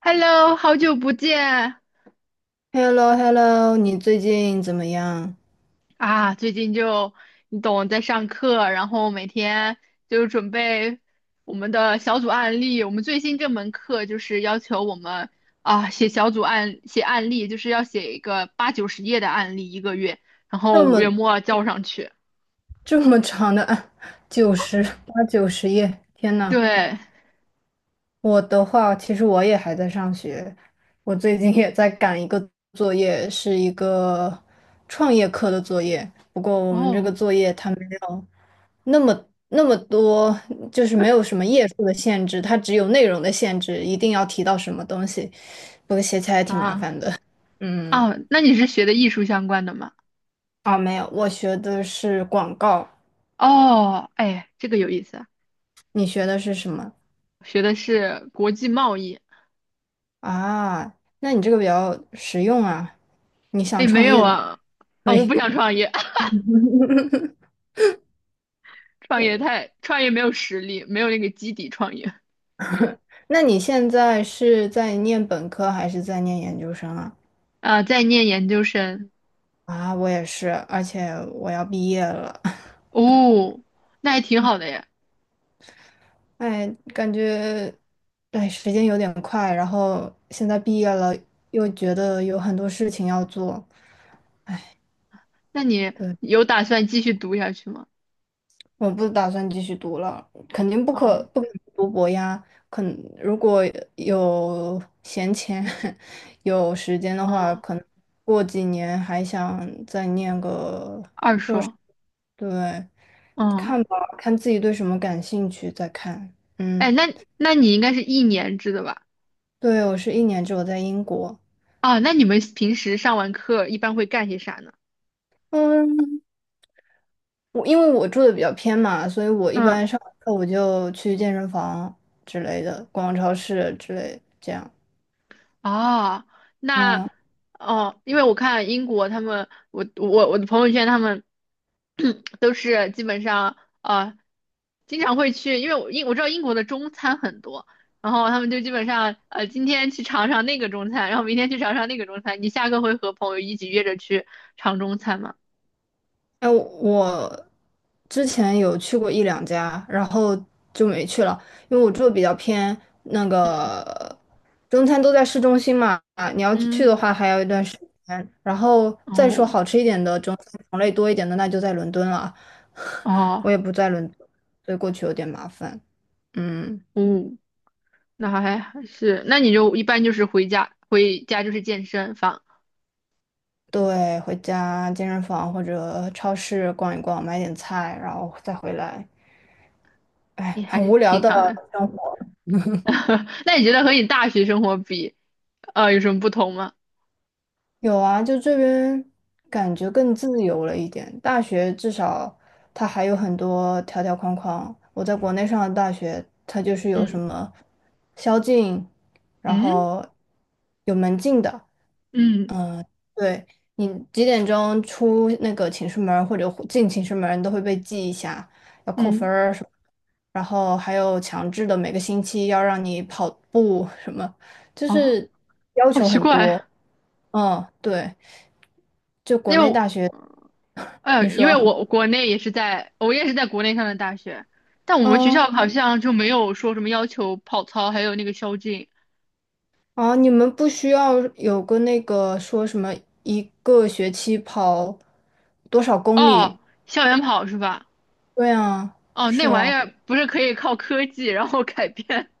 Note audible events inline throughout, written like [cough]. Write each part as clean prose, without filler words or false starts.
Hello，好久不见 h e l l o h e l l o 你最近怎么样？啊！最近就你懂，在上课，然后每天就准备我们的小组案例。我们最新这门课就是要求我们写小组案，写案例，就是要写一个八九十页的案例一个月，然后这五月么末交上去。这么长的啊，九十八九十页，天呐，对，我的话，其实我也还在上学，我最近也在赶一个作业，是一个创业课的作业。不过我们这个哦作业它没有那么多，就是没有什么页数的限制，它只有内容的限制，一定要提到什么东西。不过写起来还挺麻啊烦的，嗯。那你是学的艺术相关的吗？啊，没有，我学的是广告，哦，哎，这个有意思啊，你学的是什么学的是国际贸易。啊？那你这个比较实用啊，你哎，想没创有业的话啊，可我不以。想创业。创业 [laughs] 太，创业没有实力，没有那个基底创业那你现在是在念本科还是在念研究生啊？啊。在念研究生。啊，我也是，而且我要毕业了。[laughs] 哦，那还挺好的呀。哎，感觉，哎，时间有点快，然后现在毕业了，又觉得有很多事情要做。那你有打算继续读下去吗？我不打算继续读了，肯定不可哦，不可能读博呀。肯如果有闲钱、[laughs] 有时间的话，嗯，可能过几年还想再念个，二硕，对，嗯。看吧，看自己对什么感兴趣再看。哎，嗯，那你应该是一年制的吧？对，我是一年之后在英国，啊，那你们平时上完课一般会干些啥呢？嗯，我因为我住的比较偏嘛，所以我一嗯。般上完课我就去健身房之类的，逛超市之类这样。哦，那嗯。哦，因为我看英国他们，我的朋友圈他们 [clears throat] 都是基本上经常会去，因为我知道英国的中餐很多，然后他们就基本上今天去尝尝那个中餐，然后明天去尝尝那个中餐。你下课会和朋友一起约着去尝中餐吗？哎，我之前有去过一两家，然后就没去了，因为我住的比较偏，那个中餐都在市中心嘛，你要去嗯。的话还要一段时间。然后再说哦好吃一点的中餐种类多一点的，那就在伦敦了。[laughs] 我哦也不在伦敦，所以过去有点麻烦。嗯，哦，那还还是，那你就一般就是回家就是健身房，对，回家健身房或者超市逛一逛，买点菜，然后再回来。也哎，还很是无聊挺的。好的。[laughs] 那你觉得和你大学生活比，有什么不同吗？有啊，就这边感觉更自由了一点。大学至少它还有很多条条框框。我在国内上的大学，它就是有什嗯么宵禁，然嗯后有门禁的。嗯嗯，对，你几点钟出那个寝室门儿或者进寝室门儿你都会被记一下，要扣分嗯，儿什么。然后还有强制的每个星期要让你跑步什么，就哦，是要好求奇很多。怪。嗯，对。就国因为内我，大学，你因为说，我国内也是在，我也是在国内上的大学，但我们学嗯，校好像就没有说什么要求跑操，还有那个宵禁。哦，你们不需要有个那个说什么一个学期跑多少公里？哦，校园跑是吧？对啊，哦，那是玩意啊，儿不是可以靠科技然后改变？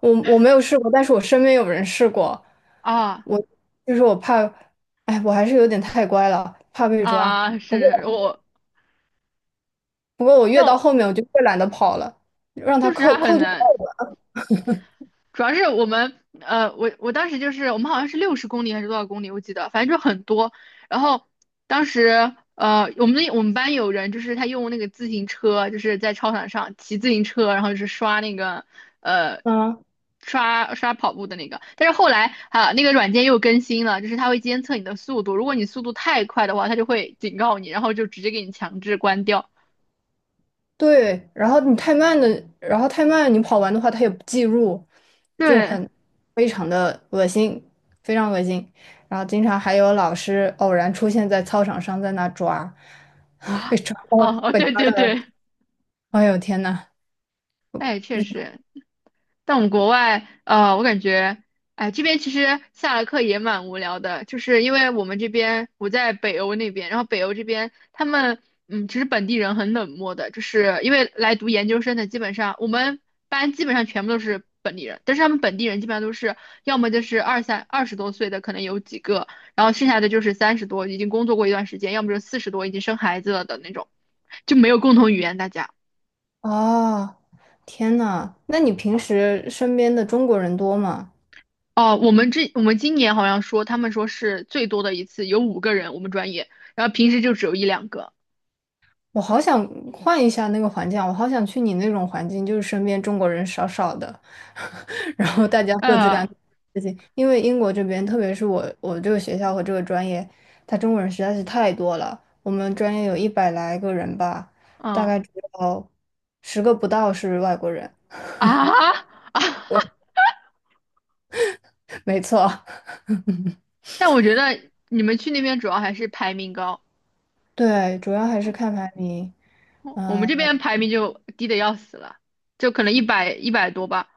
我没有试过，但是我身边有人试过，[laughs] 啊我就是我怕，哎，我还是有点太乖了，怕被抓。啊，不过是我，不过我但越到我后面我就越懒得跑了，让他就是扣它很扣就扣难。吧。主要是我们，我当时就是我们好像是60公里还是多少公里，我记得，反正就很多。然后当时，我们班有人就是他用那个自行车，就是在操场上骑自行车，然后就是刷那个，呃，嗯刷跑步的那个。但是后来啊，那个软件又更新了，就是它会监测你的速度，如果你速度太快的话，它就会警告你，然后就直接给你强制关掉。对，然后你太慢的，然后太慢，你跑完的话，它也不计入，就对很非常的恶心，非常恶心。然后经常还有老师偶然出现在操场上，在那抓，[laughs] 被啊，抓，哦哦，哦，被对抓对到了，对，哎呦天呐，哎，不确行，实。但我们国外，呃，我感觉，哎，这边其实下了课也蛮无聊的，就是因为我们这边我在北欧那边，然后北欧这边他们，其实本地人很冷漠的，就是因为来读研究生的，基本上我们班基本上全部都是本地人，但是他们本地人基本上都是要么就是20多岁的，可能有几个，然后剩下的就是30多已经工作过一段时间，要么就40多已经生孩子了的那种，就没有共同语言，大家。哦，天呐，那你平时身边的中国人多吗？哦，我们今年好像说，他们说是最多的一次有五个人，我们专业，然后平时就只有一两个。我好想换一下那个环境啊我好想去你那种环境，就是身边中国人少少的，[laughs] 然后大家各自干嗯，自己。因为英国这边，特别是我这个学校和这个专业，他中国人实在是太多了。我们专业有100来个人吧，大呃，嗯概只有10个不到是外国人。啊啊，[laughs] [laughs] 没错，但我觉得你们去那边主要还是排名高。[laughs] 对，主要还是嗯看排名。我们嗯这边排名就低的要死了，就可能一百多吧。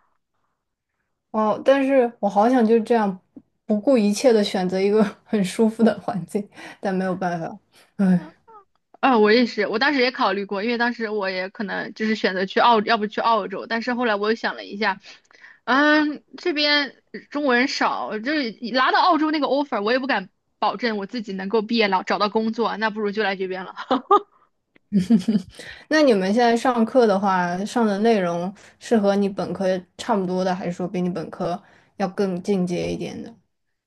哦，但是我好想就这样不顾一切的选择一个 [laughs] 很舒服的环境，但没有办法。唉，啊，我也是，我当时也考虑过，因为当时我也可能就是选择要不去澳洲，但是后来我又想了一下，这边中国人少，就是拿到澳洲那个 offer，我也不敢保证我自己能够毕业了找到工作，那不如就来这边了。那你们现在上课的话，上的内容是和你本科差不多的，还是说比你本科要更进阶一点的？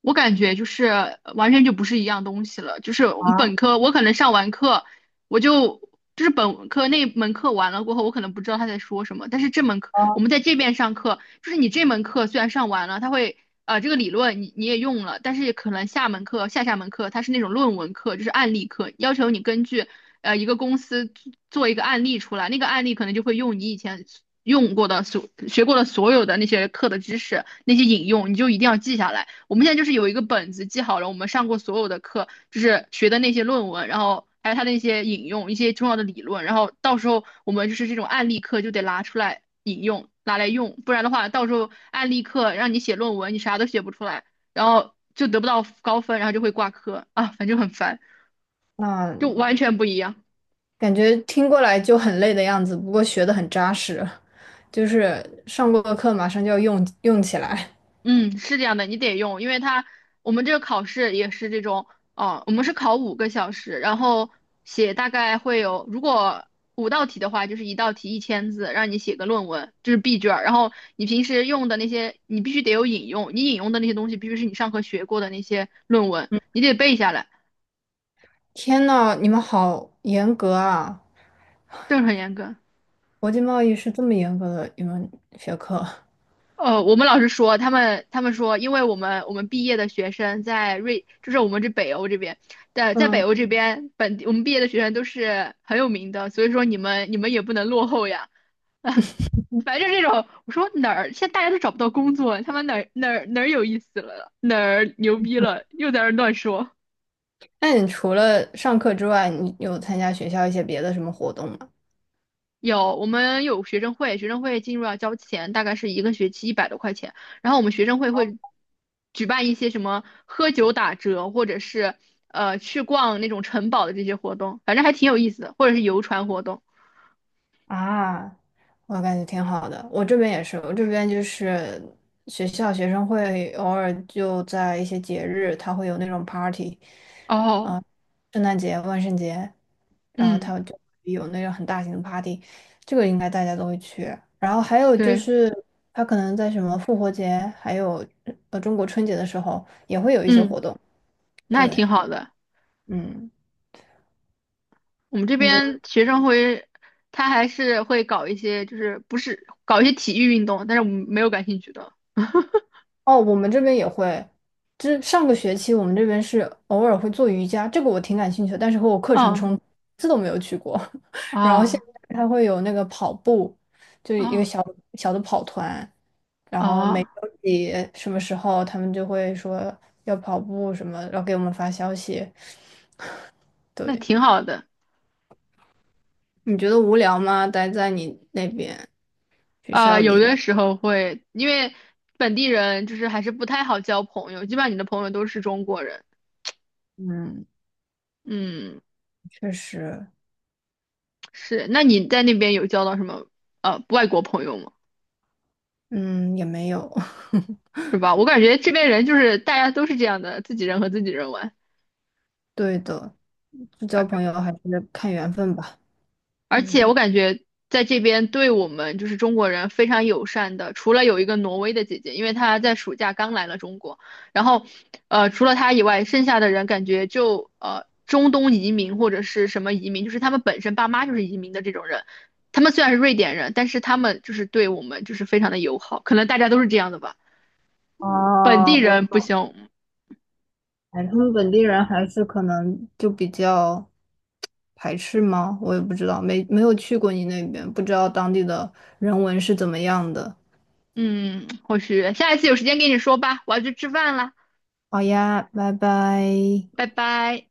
我感觉就是完全就不是一样东西了。就是我们啊，本科，我可能上完课，我就就是本科那门课完了过后，我可能不知道他在说什么。但是这门课我们在这边上课，就是你这门课虽然上完了，他会这个理论你也用了，但是可能下门课下下门课它是那种论文课，就是案例课，要求你根据一个公司做一个案例出来，那个案例可能就会用你以前用过的所学过的所有的那些课的知识，那些引用，你就一定要记下来。我们现在就是有一个本子记好了，我们上过所有的课，就是学的那些论文，然后还有它的一些引用，一些重要的理论，然后到时候我们就是这种案例课就得拿出来引用，拿来用，不然的话，到时候案例课让你写论文，你啥都写不出来，然后就得不到高分，然后就会挂科啊，反正很烦，就那完全不一样。感觉听过来就很累的样子，不过学的很扎实，就是上过的课马上就要用用起来。嗯，是这样的，你得用，因为我们这个考试也是这种。哦，我们是考5个小时，然后写大概会有，如果五道题的话，就是一道题1,000字，让你写个论文，这是 B 卷儿。然后你平时用的那些，你必须得有引用，你引用的那些东西必须是你上课学过的那些论文，你得背下来。天呐，你们好严格啊！这是很严格。国际贸易是这么严格的一门学科。我们老师说，他们说，因为我们毕业的学生就是我们这北欧这边在北嗯。欧这边本地，我们毕业的学生都是很有名的，所以说你们也不能落后呀。[laughs] 哎，反正这种，我说哪儿现在大家都找不到工作，他们哪儿哪儿哪儿有意思了，哪儿牛逼了，又在那儿乱说。那你除了上课之外，你有参加学校一些别的什么活动吗？有，我们有学生会，学生会进入要交钱，大概是一个学期100多块钱。然后我们学生会会举办一些什么喝酒打折，或者是去逛那种城堡的这些活动，反正还挺有意思的，或者是游船活动。啊，我感觉挺好的。我这边也是，我这边就是学校学生会偶尔就在一些节日，他会有那种 party，哦，圣诞节、万圣节，然后嗯，他就有那种很大型的 party，这个应该大家都会去。然后还有就对，是，他可能在什么复活节，还有中国春节的时候也会有一些活嗯，动。那也挺对，好的。嗯。我们这你边学生会，他还是会搞一些，就是不是搞一些体育运动，但是我们没有感兴趣的。哦，我们这边也会，这上个学期我们这边是偶尔会做瑜伽，这个我挺感兴趣的，但是和我课程哦，冲突，一次都没有去过。[laughs] 然后现啊在他会有那个跑步，就是一个啊小小的跑团，然后每哦周几什么时候他们就会说要跑步什么，然后给我们发消息。那对，挺好的。你觉得无聊吗？待在你那边学啊，校有里？的时候会，因为本地人就是还是不太好交朋友，基本上你的朋友都是中国人。嗯，嗯，确实，是。那你在那边有交到什么外国朋友吗？嗯，也没有。[laughs] 是吧？我感觉这边人就是大家都是这样的，自己人和自己人玩。对的，就交朋友还是看缘分吧。而且我嗯，感觉在这边对我们就是中国人非常友善的，除了有一个挪威的姐姐，因为她在暑假刚来了中国，然后，除了她以外，剩下的人感觉就中东移民或者是什么移民，就是他们本身爸妈就是移民的这种人，他们虽然是瑞典人，但是他们就是对我们就是非常的友好，可能大家都是这样的吧，本地哦，我人不行。哎，他们本地人还是可能就比较排斥吗？我也不知道，没有去过你那边，不知道当地的人文是怎么样的。嗯，或许下一次有时间跟你说吧，我要去吃饭啦，好呀，拜拜。拜拜。